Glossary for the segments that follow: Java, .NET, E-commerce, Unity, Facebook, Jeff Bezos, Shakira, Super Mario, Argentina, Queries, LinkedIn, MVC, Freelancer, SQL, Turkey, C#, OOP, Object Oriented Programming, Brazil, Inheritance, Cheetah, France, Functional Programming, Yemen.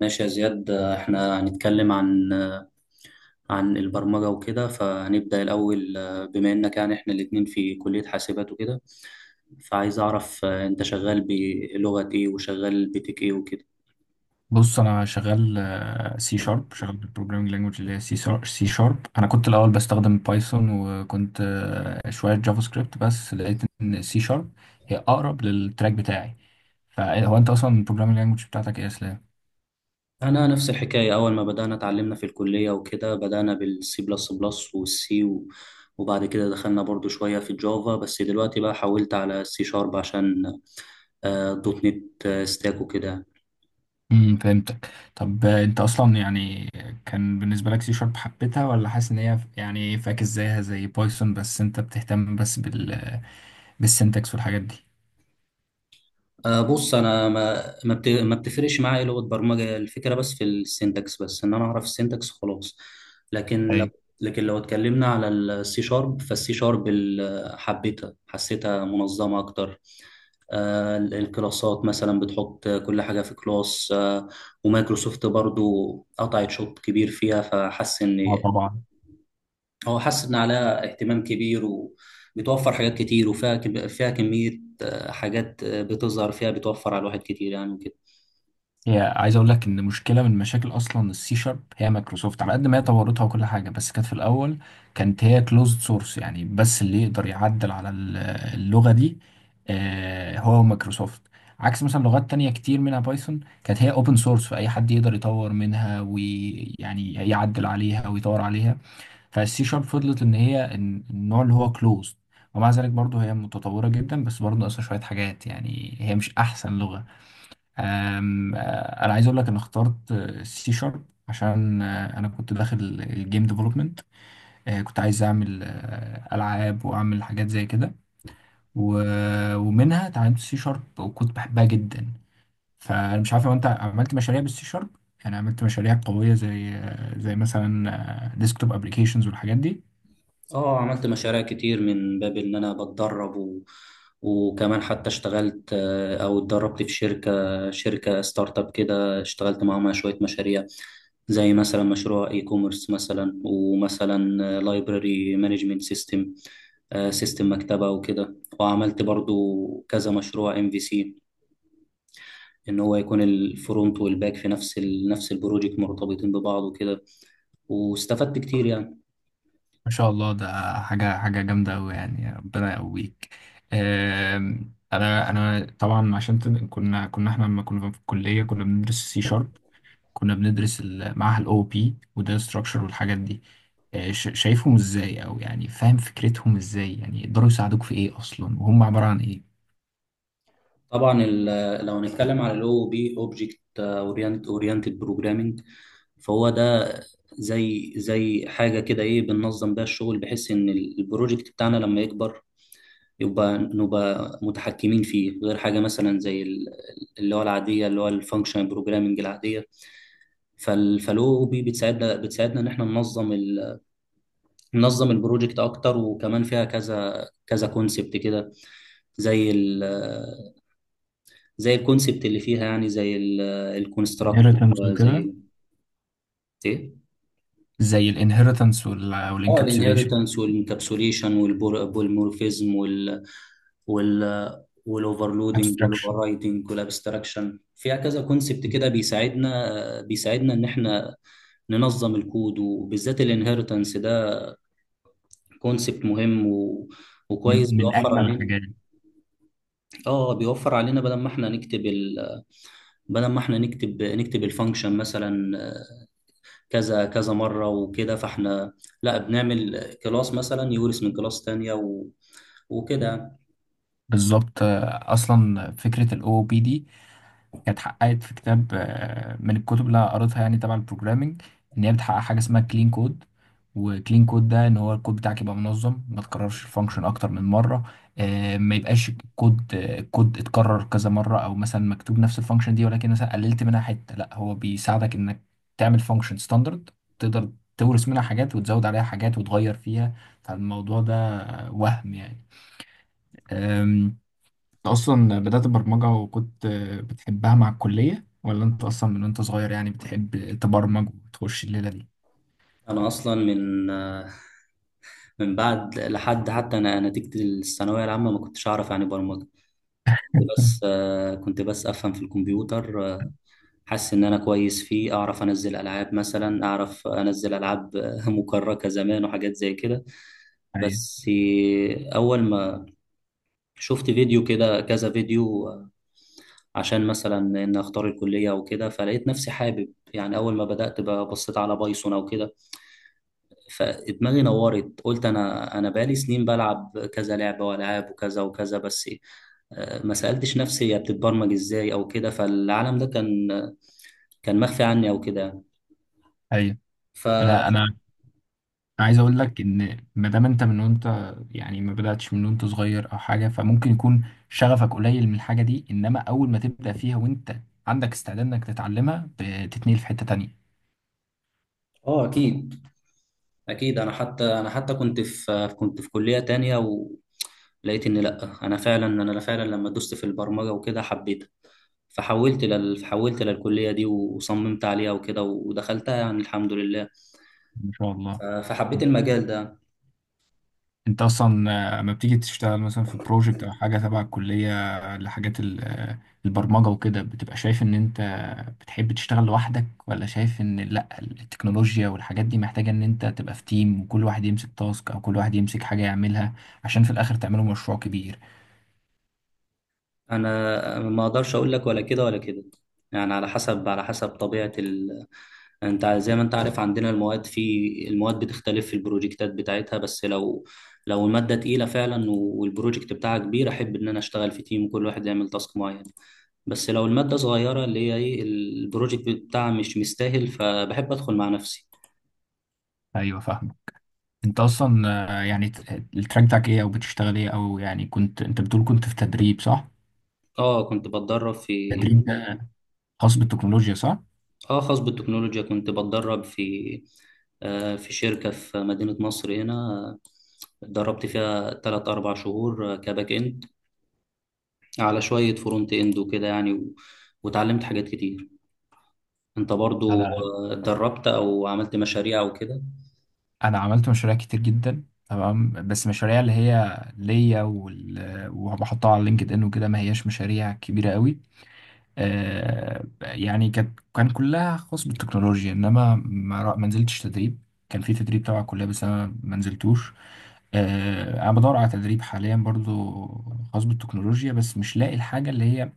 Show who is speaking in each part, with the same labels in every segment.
Speaker 1: ماشي يا زياد، احنا هنتكلم عن البرمجة وكده، فهنبدأ الأول. بما إنك يعني احنا الاتنين في كلية حاسبات وكده، فعايز أعرف أنت شغال بلغة إيه وشغال بتك إيه وكده.
Speaker 2: بص، انا شغال سي شارب. شغال بالبروجرامينج لانجوج اللي هي سي شارب. انا كنت الاول بستخدم بايثون وكنت شويه جافا سكريبت، بس لقيت ان سي شارب هي اقرب للتراك بتاعي. فهو انت اصلا البروجرامينج لانجوج بتاعتك ايه يا اسلام؟
Speaker 1: أنا نفس الحكاية، أول ما بدأنا اتعلمنا في الكلية وكده بدأنا بالسي بلس بلس والسي وبعد كده دخلنا برضو شوية في الجافا، بس دلوقتي بقى حولت على السي شارب عشان دوت نت ستاك وكده.
Speaker 2: فهمتك. طب انت اصلا يعني كان بالنسبه لك سي شارب حبيتها ولا حاسس ان هي يعني فاكس زيها زي بايثون؟ بس انت بتهتم بس بالسنتكس والحاجات دي؟
Speaker 1: بص، انا ما ما بتفرقش معايا إيه لغه برمجه، الفكره بس في السنتكس، بس ان انا اعرف السنتكس خلاص. لكن لو
Speaker 2: ايوه.
Speaker 1: لكن لو اتكلمنا على السي شارب، فالسي شارب حبيتها، حسيتها منظمه اكتر. الكلاسات مثلا بتحط كل حاجه في كلاس، ومايكروسوفت برضو قطعت شوط كبير فيها، فحس
Speaker 2: اه،
Speaker 1: ان
Speaker 2: طبعا.
Speaker 1: هو حاسس ان عليها اهتمام كبير، وبتوفر حاجات كتير، وفيها فيها كمية حاجات بتظهر فيها، بتوفر على الواحد كتير يعني وكده.
Speaker 2: هي عايز اقول لك ان مشكله من مشاكل اصلا السي شارب هي مايكروسوفت. على قد ما هي طورتها وكل حاجه، بس كانت في الاول كانت هي كلوزد سورس، يعني بس اللي يقدر يعدل على اللغه دي هو مايكروسوفت، عكس مثلا لغات تانية كتير منها بايثون كانت هي اوبن سورس، فاي حد يقدر يطور منها ويعني يعدل عليها ويطور عليها. فالسي شارب فضلت ان هي النوع اللي هو كلوزد، ومع ذلك برضه هي متطوره جدا، بس برضه ناقصها شويه حاجات، يعني هي مش احسن لغه. أم، آه، انا عايز اقول لك انا اخترت سي شارب عشان انا كنت داخل الجيم ديفلوبمنت. كنت عايز اعمل العاب واعمل حاجات زي كده. ومنها اتعلمت سي شارب وكنت بحبها جدا. فانا مش عارف لو انت عملت مشاريع بالسي شارب، يعني عملت مشاريع قوية زي زي مثلا ديسكتوب ابلكيشنز والحاجات دي؟
Speaker 1: اه، عملت مشاريع كتير من باب ان انا بتدرب، وكمان حتى اشتغلت آه، او اتدربت في شركة ستارت اب كده، اشتغلت معاهم على شوية مشاريع، زي مثلا مشروع اي كوميرس مثلا، ومثلا لايبراري مانجمنت سيستم مكتبة وكده. وعملت برضو كذا مشروع ام في سي، ان هو يكون الفرونت والباك في نفس البروجكت مرتبطين ببعض وكده، واستفدت كتير يعني.
Speaker 2: ما شاء الله، ده حاجة جامدة أوي، يعني ربنا يقويك. آم، أنا أنا طبعا عشان كنا إحنا لما كنا في الكلية كنا بندرس سي شارب. كنا بندرس معاها الأو بي وده ستراكشر والحاجات دي. شايفهم إزاي؟ أو يعني فاهم فكرتهم إزاي؟ يعني يقدروا يساعدوك في إيه أصلا وهم عبارة عن إيه؟
Speaker 1: طبعا لو هنتكلم على الاو بي اوبجكت اورينتد بروجرامنج، فهو ده زي حاجه كده، ايه، بننظم بيها الشغل بحيث ان البروجكت بتاعنا لما يكبر يبقى نبقى متحكمين فيه، غير حاجه مثلا زي ال- اللي هو العاديه، اللي هو الفانكشنال بروجرامنج العاديه. فالاو بي بتساعدنا ان احنا ننظم، منظم البروجكت اكتر، وكمان فيها كذا كذا كونسبت كده، زي ال زي الكونسبت اللي فيها، يعني زي الكونستراكت،
Speaker 2: inheritance
Speaker 1: زي
Speaker 2: وكده.
Speaker 1: ال- ايه
Speaker 2: زي الانهيرتنس
Speaker 1: اه،
Speaker 2: والانكابسوليشن.
Speaker 1: الانهيرتنس والانكابسوليشن والبولمورفيزم وال وال والاوفرلودنج
Speaker 2: abstraction.
Speaker 1: والاوفررايدنج والابستراكشن. فيها كذا كونسبت كده بيساعدنا ان احنا ننظم الكود، وبالذات الانهيرتنس ده كونسبت مهم وكويس،
Speaker 2: من
Speaker 1: بيوفر
Speaker 2: أجمل
Speaker 1: علينا.
Speaker 2: الحاجات.
Speaker 1: اه، بيوفر علينا بدل ما احنا نكتب ال بدل ما احنا نكتب نكتب الفانكشن مثلا كذا كذا مرة وكده، فاحنا لا، بنعمل كلاس مثلا يورث من كلاس تانية وكده.
Speaker 2: بالظبط. أصلا فكرة الأو بي دي كانت حققت في كتاب من الكتب اللي قريتها يعني تبع البروجرامينج. ان هي بتحقق حاجه اسمها كلين كود. وكلين كود ده ان هو الكود بتاعك يبقى منظم، ما تكررش الفانكشن اكتر من مره، ما يبقاش الكود اتكرر كذا مره، او مثلا مكتوب نفس الفانكشن دي ولكن مثلا قللت منها حته. لا، هو بيساعدك انك تعمل فانكشن ستاندرد، تقدر تورث منها حاجات وتزود عليها حاجات وتغير فيها. فالموضوع ده وهم، يعني انت اصلا بدأت برمجة وكنت بتحبها مع الكلية، ولا انت اصلا من وانت صغير يعني بتحب تبرمج وتخش الليلة دي؟
Speaker 1: انا اصلا من بعد لحد حتى انا نتيجة الثانوية العامة ما كنتش اعرف يعني برمجة. كنت بس كنت بس افهم في الكمبيوتر، حاسس ان انا كويس فيه، اعرف انزل العاب مثلا، اعرف انزل العاب مكركة زمان وحاجات زي كده.
Speaker 2: ايوه.
Speaker 1: بس اول ما شفت فيديو كده، كذا فيديو، عشان مثلا ان اختار الكليه وكده، فلقيت نفسي حابب. يعني اول ما بدات بصيت على بايثون او كده، فدماغي نورت، قلت انا بقالي سنين بلعب كذا لعبه والعاب وكذا وكذا، بس ما سالتش نفسي هي بتتبرمج ازاي او كده، فالعالم ده كان مخفي عني او كده يعني.
Speaker 2: ايوه،
Speaker 1: ف.
Speaker 2: انا عايز اقول لك ان ما دام انت من وانت يعني ما بدأتش من وانت صغير او حاجة، فممكن يكون شغفك قليل من الحاجة دي، انما اول ما تبدأ فيها وانت عندك استعداد انك تتعلمها بتتنقل في حتة تانية.
Speaker 1: اه اكيد، اكيد انا حتى، انا حتى كنت في كلية تانية ولقيت ان لا، انا فعلا، انا فعلا لما دوست في البرمجة وكده حبيتها، حولت للكلية دي وصممت عليها وكده ودخلتها يعني الحمد لله.
Speaker 2: ما شاء الله.
Speaker 1: فحبيت المجال ده.
Speaker 2: انت اصلا لما بتيجي تشتغل مثلا في بروجكت او حاجه تبع الكليه لحاجات البرمجه وكده، بتبقى شايف ان انت بتحب تشتغل لوحدك، ولا شايف ان لا، التكنولوجيا والحاجات دي محتاجه ان انت تبقى في تيم وكل واحد يمسك تاسك او كل واحد يمسك حاجه يعملها عشان في الاخر تعملوا مشروع كبير؟
Speaker 1: انا ما اقدرش اقول لك ولا كده ولا كده، يعني على حسب، انت زي ما انت عارف، عندنا المواد في المواد بتختلف في البروجكتات بتاعتها. بس لو، لو الماده تقيله فعلا والبروجكت بتاعها كبير، احب ان انا اشتغل في تيم وكل واحد يعمل تاسك معين. بس لو الماده صغيره اللي هي ايه، البروجكت بتاعها مش مستاهل، فبحب ادخل مع نفسي.
Speaker 2: ايوه، فاهمه. انت اصلا يعني التراك بتاعك ايه او بتشتغل ايه، او يعني كنت انت بتقول كنت في تدريب، صح؟
Speaker 1: اه كنت بتدرب في.
Speaker 2: تدريب ده خاص بالتكنولوجيا، صح؟
Speaker 1: اه، خاص بالتكنولوجيا، كنت بتدرب في في شركة في مدينة نصر هنا، اتدربت فيها تلات أربع شهور كباك إند، على شوية فرونت إند وكده يعني، وتعلمت حاجات كتير. أنت برضو اتدربت أو عملت مشاريع أو كده؟
Speaker 2: انا عملت مشاريع كتير جدا، تمام، بس مشاريع اللي هي ليا وبحطها على لينكد ان وكده، ما هياش مشاريع كبيره قوي. يعني كان كلها خاص بالتكنولوجيا، انما ما نزلتش تدريب. كان في تدريب تبع الكليه بس انا ما نزلتوش. انا بدور على تدريب حاليا برضو خاص بالتكنولوجيا، بس مش لاقي الحاجه اللي هي،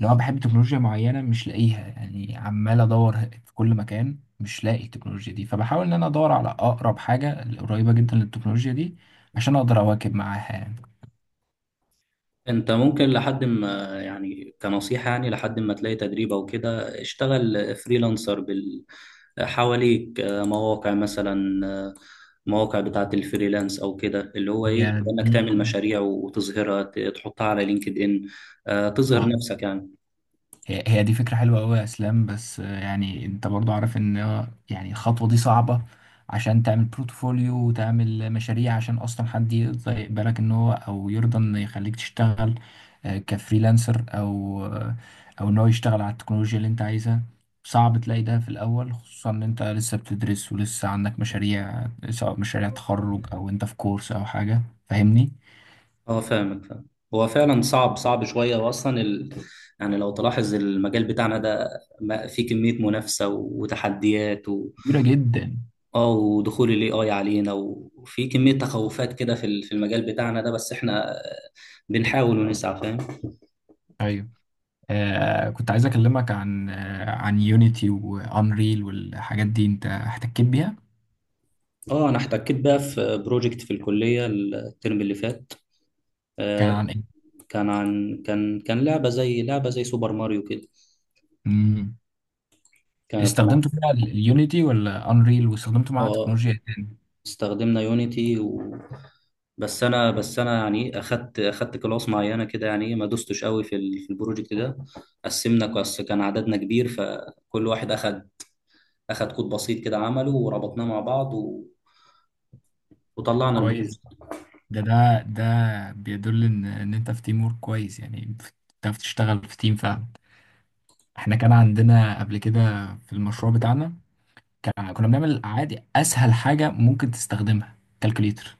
Speaker 2: لو انا بحب تكنولوجيا معينه مش لاقيها، يعني عمال ادور في كل مكان مش لاقي التكنولوجيا دي، فبحاول ان انا ادور على اقرب حاجه قريبه جدا للتكنولوجيا دي عشان اقدر اواكب معاها يعني.
Speaker 1: انت ممكن، لحد ما يعني، كنصيحة، يعني لحد ما تلاقي تدريب او كده، اشتغل فريلانسر بال حواليك مواقع مثلا، مواقع بتاعة الفريلانس او كده، اللي هو
Speaker 2: هي
Speaker 1: ايه، تبقى انك
Speaker 2: دي.
Speaker 1: تعمل مشاريع وتظهرها، تحطها على لينكد ان، تظهر
Speaker 2: اه،
Speaker 1: نفسك يعني.
Speaker 2: هي دي فكرة حلوة أوي يا إسلام، بس يعني أنت برضو عارف إن يعني الخطوة دي صعبة، عشان تعمل بورتفوليو وتعمل مشاريع عشان أصلا حد يرضى يقبلك، إن هو أو يرضى إن يخليك تشتغل كفريلانسر، أو إن هو يشتغل على التكنولوجيا اللي أنت عايزها. صعب تلاقي ده في الأول، خصوصا إن أنت لسه بتدرس ولسه عندك مشاريع، سواء مشاريع تخرج أو أنت في كورس أو حاجة. فاهمني؟
Speaker 1: اه فاهمك، فاهم. هو فعلا صعب، صعب شوية، يعني لو تلاحظ المجال بتاعنا ده فيه كمية منافسة وتحديات.
Speaker 2: كبيرة جدا.
Speaker 1: اه، ودخول الاي اي علينا وفي كمية تخوفات كده في في المجال بتاعنا ده، بس احنا بنحاول ونسعى، فاهم.
Speaker 2: كنت عايز اكلمك عن عن يونيتي وانريل والحاجات دي، انت احتكيت بيها؟
Speaker 1: اه انا احتكيت بقى في بروجكت في الكلية الترم اللي فات.
Speaker 2: كان
Speaker 1: آه،
Speaker 2: عن ايه؟
Speaker 1: كان عن، كان لعبة زي سوبر ماريو كده.
Speaker 2: مم.
Speaker 1: كنا.
Speaker 2: استخدمت فيها اليونيتي ولا انريل، واستخدمته معاها
Speaker 1: اه
Speaker 2: تكنولوجيا إيه تاني؟
Speaker 1: استخدمنا يونيتي بس انا، يعني اخدت كلاس معينه كده، يعني ما دوستش قوي في في البروجكت ده. قسمنا كلاس، كان عددنا كبير، فكل واحد اخد كود بسيط كده عمله، وربطناه مع بعض وطلعنا
Speaker 2: كويس.
Speaker 1: البروز.
Speaker 2: ده بيدل ان انت في تيم ورك كويس، يعني بتعرف تشتغل في تيم فعلا. احنا كان عندنا قبل كده في المشروع بتاعنا، كان كنا بنعمل عادي اسهل حاجه ممكن تستخدمها، كالكوليتر.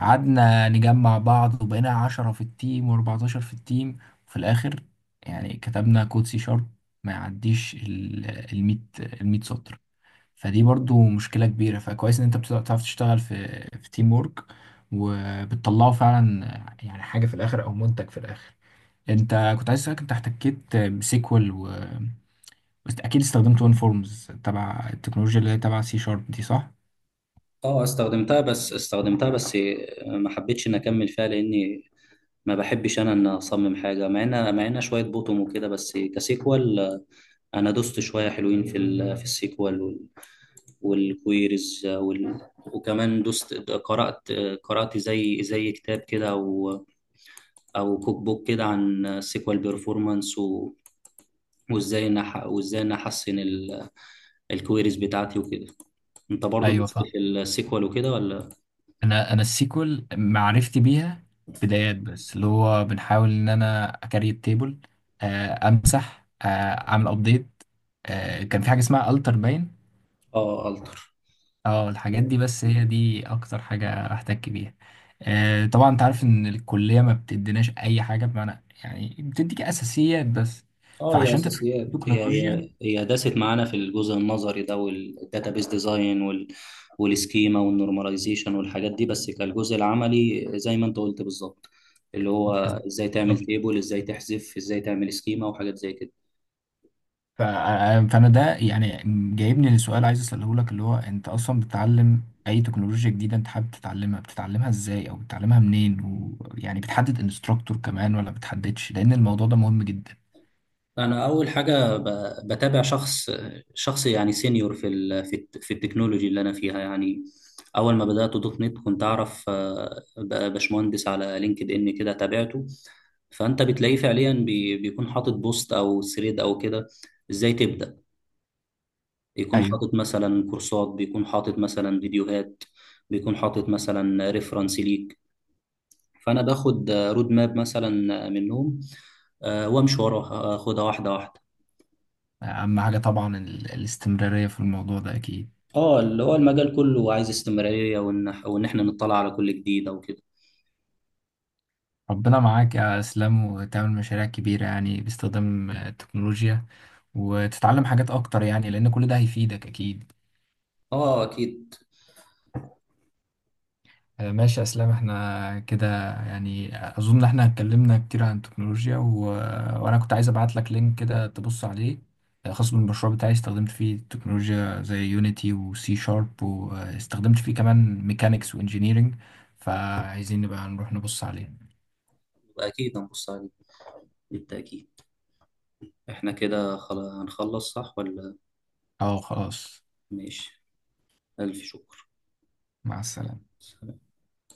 Speaker 2: قعدنا نجمع بعض وبقينا 10 في التيم وأربعتاشر في التيم. وفي الآخر يعني كتبنا كود سي شارب ما يعديش الميت سطر. فدي برضو مشكلة كبيرة، فكويس إن أنت بتعرف تشتغل في تيم وورك وبتطلعه فعلا، يعني حاجة في الآخر أو منتج في الآخر. أنت كنت عايز أسألك، أنت احتكيت بسيكوال، و بس أكيد استخدمت ون فورمز تبع التكنولوجيا اللي هي تبع سي شارب دي، صح؟
Speaker 1: اه استخدمتها، بس استخدمتها بس ما حبيتش ان اكمل فيها، لاني ما بحبش انا ان اصمم حاجه، مع ان شويه بوتوم وكده. بس كسيكوال، انا دوست شويه حلوين في في السيكوال وال... والكويريز وكمان دوست، قرات قرات زي كتاب كده او او كوك بوك كده عن السيكوال بيرفورمانس وازاي إن وازاي ان احسن الكويريز بتاعتي وكده. انت برضو
Speaker 2: ايوه.
Speaker 1: دوست في السيكوال وكده ولا؟
Speaker 2: انا السيكول معرفتي بيها بدايات، بس اللي هو بنحاول ان انا اكاري التيبل، امسح، اعمل ابديت. كان في حاجه اسمها التر باين.
Speaker 1: اه التر.
Speaker 2: اه، الحاجات دي. بس هي دي اكتر حاجه احتك بيها. طبعا انت عارف ان الكليه ما بتديناش اي حاجه بمعنى، يعني بتديك اساسيات بس.
Speaker 1: اه هي
Speaker 2: فعشان تتعلم
Speaker 1: اساسيات، هي
Speaker 2: تكنولوجيا
Speaker 1: هي هي داست معانا في الجزء النظري ده، والداتابيس ديزاين وال والسكيما والنورماليزيشن والحاجات دي. بس كالجزء العملي، زي ما انت قلت بالظبط، اللي هو ازاي تعمل تيبل، ازاي تحذف، ازاي تعمل سكيما وحاجات زي كده.
Speaker 2: فانا ده يعني جايبني لسؤال عايز اساله لك، اللي هو انت اصلا بتتعلم اي تكنولوجيا جديده انت حابب تتعلمها، بتتعلمها ازاي او بتتعلمها منين؟ ويعني بتحدد انستراكتور كمان ولا بتحددش؟ لان الموضوع ده مهم جدا.
Speaker 1: انا اول حاجه بتابع شخص، يعني سينيور في في التكنولوجي اللي انا فيها يعني. اول ما بدات دوت نت، كنت اعرف باشمهندس على لينكد ان كده، تابعته، فانت بتلاقيه فعليا بيكون حاطط بوست او ثريد او كده، ازاي تبدا. يكون
Speaker 2: ايوه،
Speaker 1: حاطط مثلا كورسات، بيكون حاطط مثلا فيديوهات، بيكون حاطط مثلا ريفرنس ليك، فانا باخد رود ماب مثلا منهم، وامشي وراها، اخدها واحده واحده.
Speaker 2: اهم حاجه طبعا الاستمراريه في الموضوع ده اكيد.
Speaker 1: اه، اللي هو المجال كله عايز استمرارية، وان احنا نطلع على كل جديد او كده.
Speaker 2: ربنا معاك يا اسلام، وتعمل مشاريع كبيره يعني باستخدام التكنولوجيا، وتتعلم حاجات اكتر، يعني لان كل ده هيفيدك اكيد.
Speaker 1: اه اكيد.
Speaker 2: ماشي يا اسلام، احنا كده يعني اظن احنا اتكلمنا كتير عن التكنولوجيا وانا كنت عايز ابعت لك لينك كده تبص عليه، خاص بالمشروع بتاعي، استخدمت فيه تكنولوجيا زي يونيتي وسي شارب، واستخدمت فيه كمان ميكانيكس وانجينيرينج، فعايزين نبقى نروح نبص عليه.
Speaker 1: اكيد هنبص عليه، بالتأكيد. احنا كده خلاص هنخلص صح ولا؟
Speaker 2: اه، خلاص.
Speaker 1: ماشي، الف شكر.
Speaker 2: مع السلامة.